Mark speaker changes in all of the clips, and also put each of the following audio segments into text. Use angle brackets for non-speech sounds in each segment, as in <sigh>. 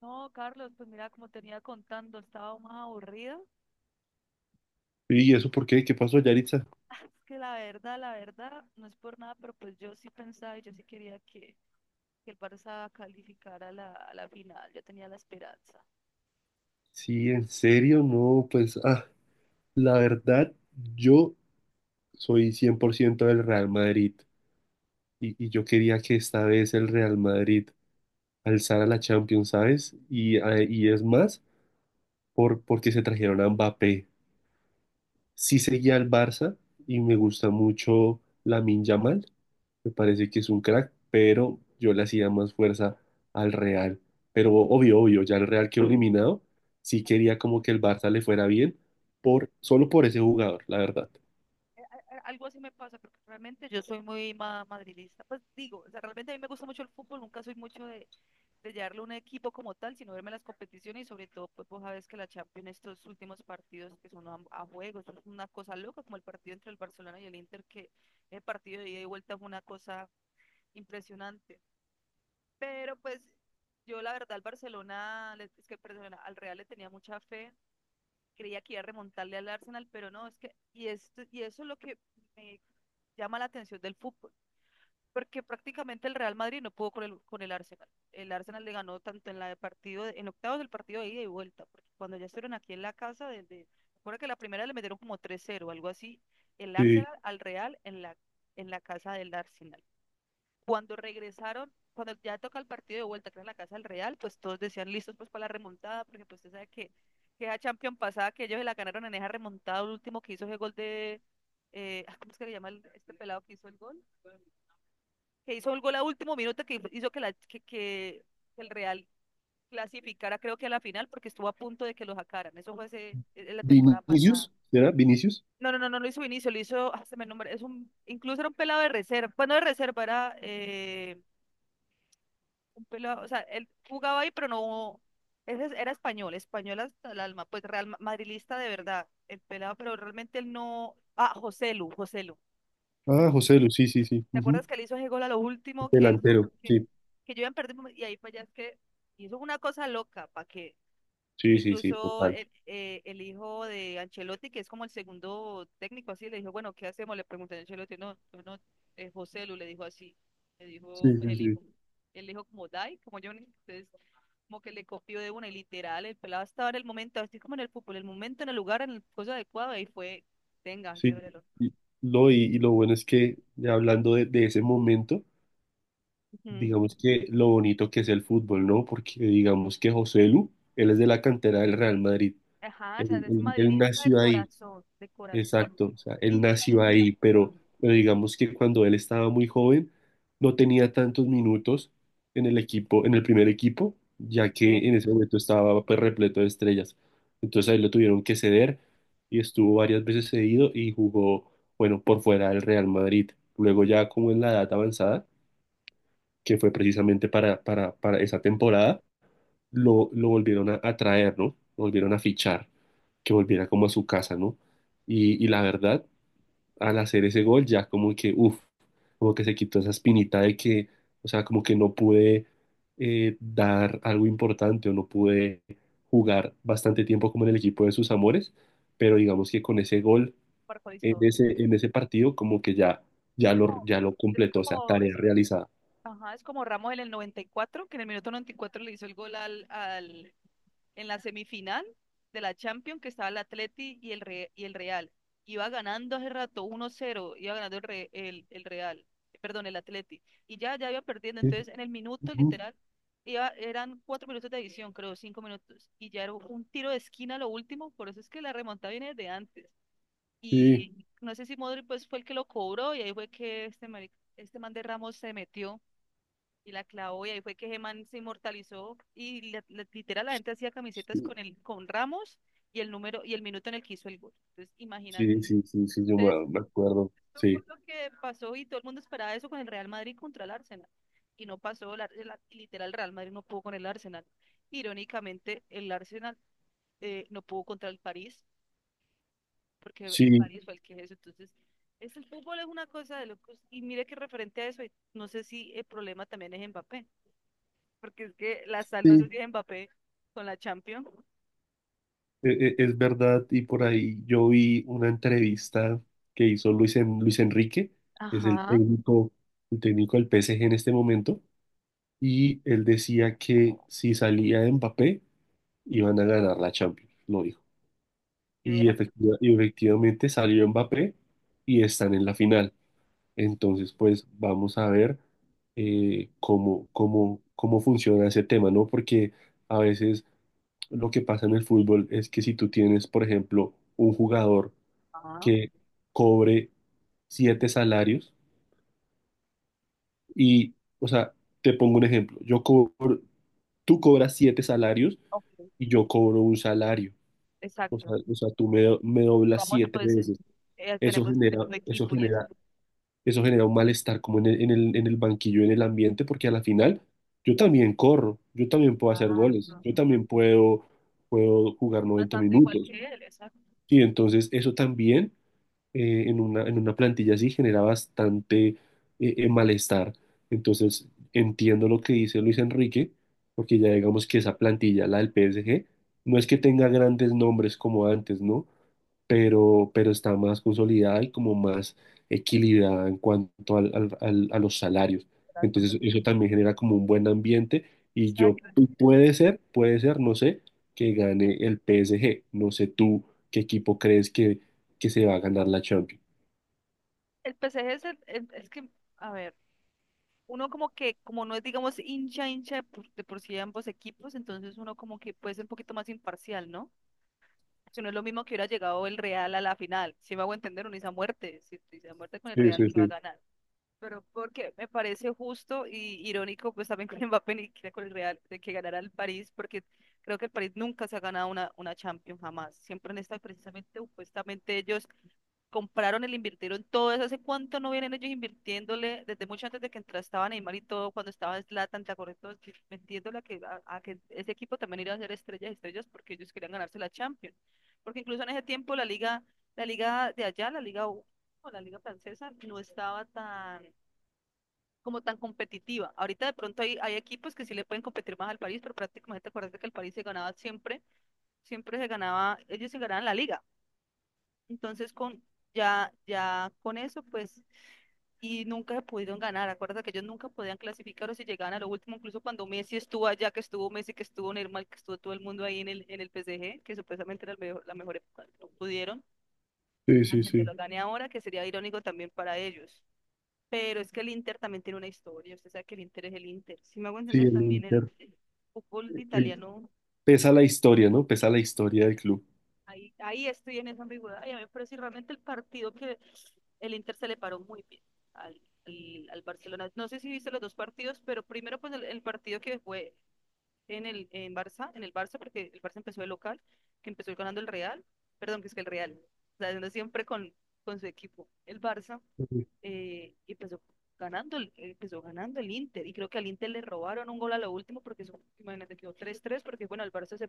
Speaker 1: No, Carlos, pues mira, como tenía contando, estaba más aburrida.
Speaker 2: ¿Y eso por qué? ¿Qué pasó, Yaritza?
Speaker 1: <laughs> Es que la verdad, no es por nada, pero pues yo sí pensaba y yo sí quería que el Barça calificara a a la final. Yo tenía la esperanza.
Speaker 2: Sí, en serio, no, pues, la verdad, yo soy 100% del Real Madrid y yo quería que esta vez el Real Madrid alzara la Champions, ¿sabes? Y, y es más, porque se trajeron a Mbappé. Sí seguía al Barça y me gusta mucho Lamine Yamal. Me parece que es un crack, pero yo le hacía más fuerza al Real. Pero obvio, obvio, ya el Real quedó eliminado. Sí quería como que el Barça le fuera bien, solo por ese jugador, la verdad.
Speaker 1: Algo así me pasa, porque realmente yo soy muy madridista. Pues digo, o sea, realmente a mí me gusta mucho el fútbol, nunca soy mucho de llevarlo a un equipo como tal, sino verme las competiciones y sobre todo, pues vos sabes que la Champions, estos últimos partidos que son a juegos, es una cosa loca, como el partido entre el Barcelona y el Inter, que el partido de ida y vuelta fue una cosa impresionante. Pero pues yo la verdad al es que perdón, al Real le tenía mucha fe, creía que iba a remontarle al Arsenal, pero no, es que, y, esto, y eso es lo que me llama la atención del fútbol, porque prácticamente el Real Madrid no pudo con con el Arsenal. El Arsenal le ganó tanto en la de partido, en octavos del partido de ida y vuelta, porque cuando ya estuvieron aquí en la casa, recuerda que la primera le metieron como 3-0, algo así, el
Speaker 2: Sí.
Speaker 1: Arsenal al Real en en la casa del Arsenal. Cuando regresaron, cuando ya toca el partido de vuelta, que era en la casa del Real, pues todos decían listos pues para la remontada, porque pues usted sabe que esa Champions pasada, que ellos se la ganaron en esa remontada, el último que hizo ese gol de, ¿cómo es que le llama este pelado que hizo el gol? Que hizo un gol a último minuto que hizo que el Real clasificara, creo que a la final, porque estuvo a punto de que lo sacaran. Eso fue en la temporada pasada.
Speaker 2: Vinicius, ¿era Vinicius?
Speaker 1: No, no, no, no lo hizo Vinicio, lo hizo, ah, se me nombra, es un, incluso era un pelado de reserva, bueno, de reserva, era un pelado, o sea, él jugaba ahí, pero no, era español, español hasta el alma, pues real madrilista de verdad, el pelado, pero realmente él no, ah, Joselu, Joselu.
Speaker 2: Ah, José Lu, sí, sí, sí,
Speaker 1: ¿Te
Speaker 2: ujú.
Speaker 1: acuerdas que le hizo ese gol a lo último
Speaker 2: Delantero, sí.
Speaker 1: que yo iba a perder y ahí fue ya es que hizo una cosa loca para que
Speaker 2: Sí, sí, sí,
Speaker 1: incluso
Speaker 2: total.
Speaker 1: el hijo de Ancelotti, que es como el segundo técnico así, le dijo, bueno, ¿qué hacemos? Le pregunté a Ancelotti, no, no, no, José Lu le dijo así, le dijo
Speaker 2: Sí,
Speaker 1: pues,
Speaker 2: sí, sí.
Speaker 1: el hijo como Dai, como Johnny, entonces como que le copió de una y literal, el pelado estaba en el momento, así como en el fútbol, el momento, en el lugar, en el cosa adecuado, y fue, tenga,
Speaker 2: Sí.
Speaker 1: llórelo.
Speaker 2: Y, no, y lo bueno es que, ya hablando de ese momento,
Speaker 1: Ujú.
Speaker 2: digamos que lo bonito que es el fútbol, ¿no? Porque digamos que José Lu, él es de la cantera del Real Madrid.
Speaker 1: Ajá, o sea,
Speaker 2: Él,
Speaker 1: es
Speaker 2: él- él
Speaker 1: madridista
Speaker 2: nació ahí,
Speaker 1: de corazón,
Speaker 2: exacto. O sea, él
Speaker 1: hincha,
Speaker 2: nació
Speaker 1: hincha,
Speaker 2: ahí,
Speaker 1: hincha.
Speaker 2: pero digamos que cuando él estaba muy joven, no tenía tantos minutos en el equipo, en el primer equipo, ya que
Speaker 1: Sí.
Speaker 2: en ese momento estaba pues, repleto de estrellas. Entonces ahí lo tuvieron que ceder y estuvo varias veces cedido y jugó, bueno, por fuera del Real Madrid. Luego ya como en la edad avanzada que fue precisamente para esa temporada, lo volvieron a traer, ¿no? Lo volvieron a fichar, que volviera como a su casa, ¿no? Y la verdad, al hacer ese gol, ya como que, uff, como que se quitó esa espinita de que, o sea, como que no pude dar algo importante o no pude jugar bastante tiempo como en el equipo de sus amores, pero digamos que con ese gol
Speaker 1: Por Juan Historia.
Speaker 2: en ese partido, como que ya,
Speaker 1: Como-
Speaker 2: ya lo
Speaker 1: Es
Speaker 2: completó, o sea,
Speaker 1: como,
Speaker 2: tarea realizada.
Speaker 1: ajá, es como Ramos en el 94, que en el minuto 94 le hizo el gol al, en la semifinal de la Champions que estaba el Atleti y el Real. Iba ganando hace rato 1-0, iba ganando el Real, perdón, el Atleti. Ya iba perdiendo. Entonces, en el minuto
Speaker 2: Ujú.
Speaker 1: literal, iba, eran 4 minutos de edición, creo, 5 minutos. Y ya era un tiro de esquina lo último, por eso es que la remontada viene de antes.
Speaker 2: Sí.
Speaker 1: Y no sé si Modric pues fue el que lo cobró y ahí fue que este man de Ramos se metió y la clavó y ahí fue que Geman se inmortalizó y literal la gente hacía camisetas
Speaker 2: Sí,
Speaker 1: con con Ramos y el número y el minuto en el que hizo el gol. Entonces, imagínate.
Speaker 2: sí, sí, sí, yo
Speaker 1: Entonces,
Speaker 2: me, me acuerdo.
Speaker 1: eso fue
Speaker 2: Sí,
Speaker 1: lo que pasó y todo el mundo esperaba eso con el Real Madrid contra el Arsenal. Y no pasó, literal, el Real Madrid no pudo con el Arsenal. Irónicamente, el Arsenal no pudo contra el París, porque el
Speaker 2: sí,
Speaker 1: París fue el que eso. Entonces, es el fútbol es una cosa de locos. Y mire que referente a eso, y no sé si el problema también es Mbappé, porque es que la sal no se
Speaker 2: sí,
Speaker 1: tiene Mbappé con la Champions.
Speaker 2: es verdad. Y por ahí yo vi una entrevista que hizo Luis Enrique, que es
Speaker 1: Ajá.
Speaker 2: el técnico del PSG en este momento, y él decía que si salía Mbappé, iban a ganar la Champions, lo dijo.
Speaker 1: Y
Speaker 2: Y,
Speaker 1: vean,
Speaker 2: y efectivamente salió Mbappé y están en la final. Entonces, pues vamos a ver cómo, cómo funciona ese tema, ¿no? Porque a veces lo que pasa en el fútbol es que si tú tienes, por ejemplo, un jugador
Speaker 1: ajá,
Speaker 2: que cobre siete salarios y, o sea, te pongo un ejemplo, yo cobro, tú cobras siete salarios
Speaker 1: ok,
Speaker 2: y yo cobro un salario,
Speaker 1: exacto.
Speaker 2: o sea tú me, me doblas
Speaker 1: Vamos,
Speaker 2: siete
Speaker 1: pues,
Speaker 2: veces. Eso
Speaker 1: tenemos el
Speaker 2: genera,
Speaker 1: mismo
Speaker 2: eso
Speaker 1: equipo y eso.
Speaker 2: genera eso genera un malestar como en el, en el banquillo, en el ambiente, porque a la final yo también corro, yo también puedo hacer goles,
Speaker 1: Exacto.
Speaker 2: yo también puedo, puedo jugar 90
Speaker 1: Bastante igual
Speaker 2: minutos.
Speaker 1: que él, exacto.
Speaker 2: Y entonces eso también en una plantilla así genera bastante malestar. Entonces entiendo lo que dice Luis Enrique, porque ya digamos que esa plantilla, la del PSG, no es que tenga grandes nombres como antes, ¿no? Pero pero está más consolidada y como más equilibrada en cuanto a los salarios.
Speaker 1: Exacto.
Speaker 2: Entonces eso también genera como un buen ambiente y yo
Speaker 1: Exacto.
Speaker 2: y puede ser, no sé, que gane el PSG. No sé tú qué equipo crees que se va a ganar la Champions.
Speaker 1: El PSG es que, a ver, uno como que, como no es, digamos, hincha, hincha de por sí de ambos equipos, entonces uno como que puede ser un poquito más imparcial, ¿no? Que no es lo mismo que hubiera llegado el Real a la final. Si me hago entender, uno dice a muerte, si dice a muerte con el
Speaker 2: Sí,
Speaker 1: Real
Speaker 2: sí,
Speaker 1: que va a
Speaker 2: sí,
Speaker 1: ganar. Pero porque me parece justo y irónico, pues también con <laughs> Mbappé y que con el Real, de que ganara el París, porque creo que el París nunca se ha ganado una Champions, jamás. Siempre en esta, precisamente, supuestamente ellos compraron el invirtieron todo eso. ¿Hace cuánto no vienen ellos invirtiéndole? Desde mucho antes de que entrara estaba Neymar y todo, cuando estaba Zlatan, ¿te acuerdas? Todos metiéndole a que ese equipo también iba a ser estrellas, estrellas, porque ellos querían ganarse la Champions. Porque incluso en ese tiempo la liga de allá, la liga U, o la liga francesa, no estaba tan como tan competitiva. Ahorita de pronto hay equipos que sí le pueden competir más al París, pero prácticamente acuérdate que el París se ganaba siempre, siempre se ganaba, ellos se ganaban la liga. Entonces con ya con eso, pues, y nunca pudieron ganar. Acuérdate que ellos nunca podían clasificar o si llegaban a lo último, incluso cuando Messi estuvo allá, que estuvo Messi, que estuvo Neymar, que estuvo todo el mundo ahí en el PSG, que supuestamente era la mejor época, no pudieron.
Speaker 2: sí, sí,
Speaker 1: Aunque se
Speaker 2: sí,
Speaker 1: lo gane ahora, que sería irónico también para ellos. Pero es que el Inter también tiene una historia, usted sabe que el Inter es el Inter. Si me hago
Speaker 2: sí,
Speaker 1: entender
Speaker 2: el
Speaker 1: también
Speaker 2: Inter.
Speaker 1: el fútbol
Speaker 2: El-
Speaker 1: italiano,
Speaker 2: Pesa la historia, ¿no? Pesa la historia del club.
Speaker 1: ahí estoy en esa ambigüedad. Y a mí me parece realmente el partido que el Inter se le paró muy bien al Barcelona. No sé si viste los dos partidos, pero primero pues el partido que fue en Barça, en el Barça, porque el Barça empezó de local, que empezó ganando el Real, perdón, que es que el Real, o sea, siempre con su equipo, el Barça
Speaker 2: Sí,
Speaker 1: empezó ganando, empezó ganando el Inter. Y creo que al Inter le robaron un gol a lo último porque eso, imagínate, quedó tres tres porque bueno, el Barça se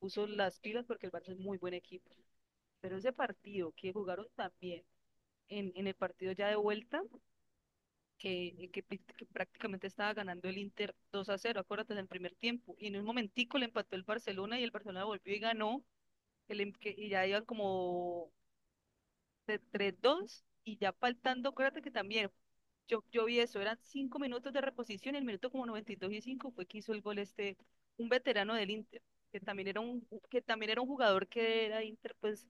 Speaker 1: puso las pilas porque el Barça es muy buen equipo. Pero ese partido que jugaron también en el partido ya de vuelta, que prácticamente estaba ganando el Inter 2-0, acuérdate del primer tiempo. Y en un momentico le empató el Barcelona y el Barcelona volvió y ganó. Y ya iban como de 3-2 y ya faltando, acuérdate que también yo vi eso, eran 5 minutos de reposición y el minuto como 92 y 5 fue que hizo el gol este, un veterano del Inter, que también era un, que también era un jugador que era Inter pues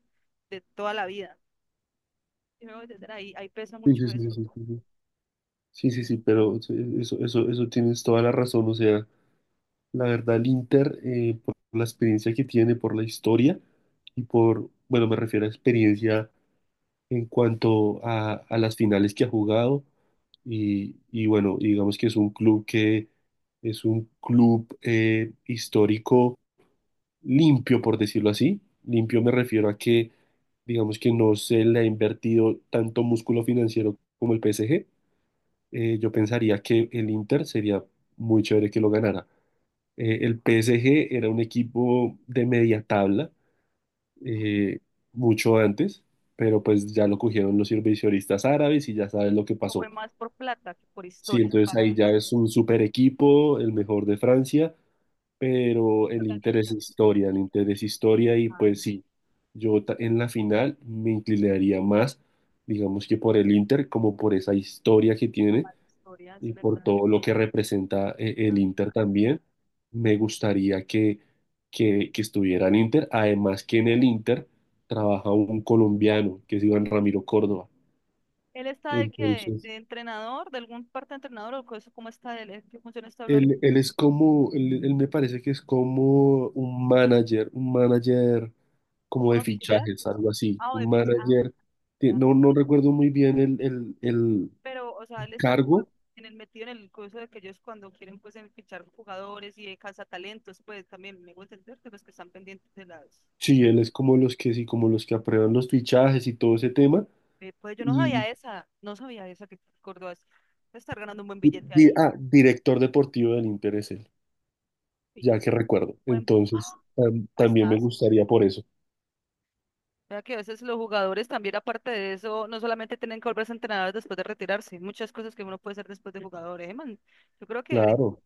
Speaker 1: de toda la vida. Y me voy a entender. Ahí pesa
Speaker 2: sí,
Speaker 1: mucho
Speaker 2: sí, sí,
Speaker 1: eso.
Speaker 2: sí, sí. Sí, sí, sí, pero eso tienes toda la razón, o sea. La verdad, el Inter, por la experiencia que tiene, por la historia y por, bueno, me refiero a experiencia en cuanto a las finales que ha jugado y bueno, digamos que es un club que es un club histórico limpio, por decirlo así. Limpio me refiero a que, digamos que no se le ha invertido tanto músculo financiero como el PSG. Yo pensaría que el Inter sería muy chévere que lo ganara. El PSG era un equipo de media tabla eh, mucho antes, pero pues ya lo cogieron los inversionistas árabes y ya sabes lo que
Speaker 1: No fue
Speaker 2: pasó.
Speaker 1: más por plata que por
Speaker 2: Sí,
Speaker 1: historia.
Speaker 2: entonces
Speaker 1: Para
Speaker 2: ahí ya
Speaker 1: nosotros,
Speaker 2: es un super equipo, el mejor de Francia, pero el
Speaker 1: los
Speaker 2: interés
Speaker 1: hinchas,
Speaker 2: es
Speaker 1: siempre
Speaker 2: historia, el interés es historia y pues
Speaker 1: han
Speaker 2: sí, en la final me inclinaría más, digamos que por el Inter, como por esa historia que tiene
Speaker 1: amado historias,
Speaker 2: y por
Speaker 1: ¿verdad?
Speaker 2: todo lo que representa
Speaker 1: Ah.
Speaker 2: el Inter también. Me gustaría que estuviera en Inter, además que en el Inter trabaja un colombiano, que es Iván Ramiro Córdoba.
Speaker 1: ¿Él está de qué?
Speaker 2: Entonces,
Speaker 1: ¿De entrenador, de algún parte de entrenador o cosa, cómo está él, qué función está hablando,
Speaker 2: él es como, él me parece que es como un manager
Speaker 1: como
Speaker 2: como de
Speaker 1: una?
Speaker 2: fichajes, algo así,
Speaker 1: Ah, o de
Speaker 2: un
Speaker 1: ficha. Ah,
Speaker 2: manager, que
Speaker 1: ya.
Speaker 2: no, no recuerdo muy bien el
Speaker 1: Pero, o sea, él está como
Speaker 2: cargo,
Speaker 1: en el metido en el curso de que ellos cuando quieren pues en fichar jugadores y de cazatalentos, pues también me gusta entender que los que están pendientes de las
Speaker 2: sí, él es como los que, sí, como los que aprueban los fichajes y todo ese tema.
Speaker 1: pues yo no sabía esa, no sabía esa que Córdoba puede estar ganando un buen billete
Speaker 2: Di-
Speaker 1: ahí.
Speaker 2: Director deportivo del Inter es él,
Speaker 1: Sí,
Speaker 2: ya que recuerdo.
Speaker 1: buen
Speaker 2: Entonces,
Speaker 1: ¡ah!
Speaker 2: también me
Speaker 1: Puestazo.
Speaker 2: gustaría por eso.
Speaker 1: O que a veces los jugadores también, aparte de eso, no solamente tienen que volverse entrenadores después de retirarse, muchas cosas que uno puede hacer después de jugador, ¿eh, man? Yo creo que ahorita,
Speaker 2: Claro,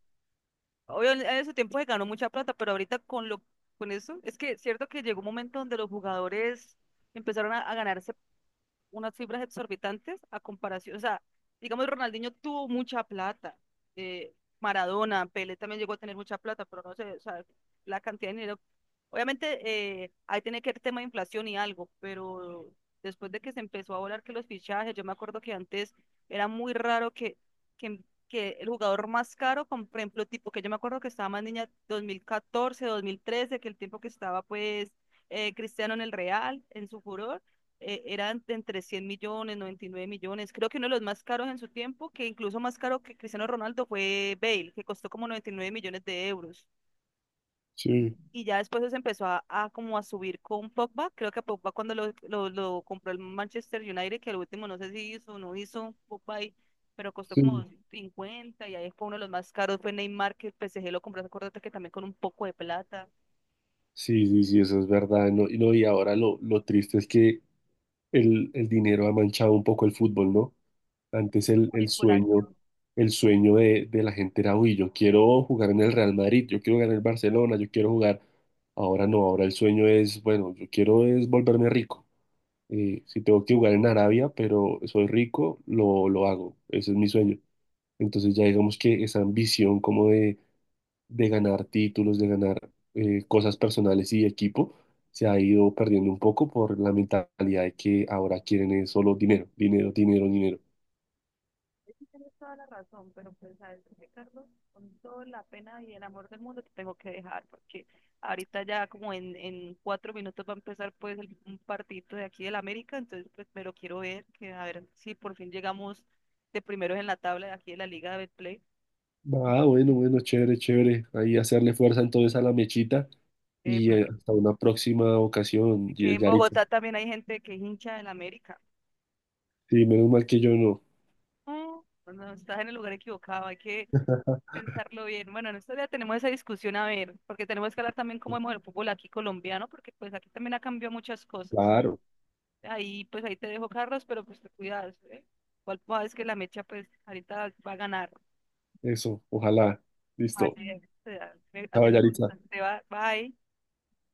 Speaker 1: obvio, en ese tiempo se ganó mucha plata, pero ahorita con con eso, es que es cierto que llegó un momento donde los jugadores empezaron a ganarse unas cifras exorbitantes a comparación, o sea, digamos, Ronaldinho tuvo mucha plata, eh, Maradona, Pelé también llegó a tener mucha plata, pero no sé, o sea, la cantidad de dinero, obviamente ahí tiene que haber tema de inflación y algo, pero después de que se empezó a volar que los fichajes, yo me acuerdo que antes era muy raro que, que el jugador más caro, con, por ejemplo, tipo que yo me acuerdo que estaba más niña 2014, 2013, que el tiempo que estaba pues... Cristiano en el Real, en su furor, eran de entre 100 millones, 99 millones. Creo que uno de los más caros en su tiempo, que incluso más caro que Cristiano Ronaldo, fue Bale, que costó como 99 millones de euros.
Speaker 2: sí,
Speaker 1: Y ya después se empezó a como a subir con Pogba. Creo que a Pogba cuando lo compró el Manchester United, que al último no sé si hizo o no hizo Pogba y pero costó como
Speaker 2: sí.
Speaker 1: 50 y ahí fue uno de los más caros, fue Neymar, que el PSG lo compró, acuérdate que también con un poco de plata.
Speaker 2: Sí, sí, sí, eso es verdad. No, y, no, y ahora lo triste es que el dinero ha manchado un poco el fútbol, ¿no? Antes
Speaker 1: Circulación.
Speaker 2: el sueño de la gente era, uy, yo quiero jugar en el Real Madrid, yo quiero jugar en el Barcelona, yo quiero jugar. Ahora no, ahora el sueño es, bueno, yo quiero es volverme rico. Si tengo que jugar en Arabia, pero soy rico, lo hago. Ese es mi sueño. Entonces ya digamos que esa ambición como de ganar títulos, de ganar cosas personales y de equipo, se ha ido perdiendo un poco por la mentalidad de que ahora quieren es solo dinero, dinero, dinero, dinero.
Speaker 1: Sí, tienes toda la razón, pero pues sabes qué, Carlos, con toda la pena y el amor del mundo te tengo que dejar, porque ahorita ya como en 4 minutos va a empezar pues un partidito de aquí del América, entonces pues pero quiero ver que a ver si por fin llegamos de primeros en la tabla de aquí de la Liga de Betplay.
Speaker 2: Ah, bueno, bueno, chévere, chévere. Ahí hacerle fuerza entonces a la mechita y
Speaker 1: Epa,
Speaker 2: hasta una próxima
Speaker 1: y
Speaker 2: ocasión,
Speaker 1: que en
Speaker 2: Yaritza.
Speaker 1: Bogotá también hay gente que es hincha del América.
Speaker 2: Sí, menos mal que yo no.
Speaker 1: No, no no, estás en el lugar equivocado, hay que pensarlo bien. Bueno, en estos días tenemos esa discusión a ver, porque tenemos que hablar también cómo vemos el fútbol aquí colombiano, porque pues aquí también ha cambiado muchas cosas.
Speaker 2: Claro,
Speaker 1: Ahí, pues ahí te dejo, Carlos, pero pues te cuidas, ¿eh? Igual pues, sabes que la mecha, pues ahorita va a ganar.
Speaker 2: eso, ojalá. Listo.
Speaker 1: Así es, o sea,
Speaker 2: Chao, Yaritza.
Speaker 1: te va, bye.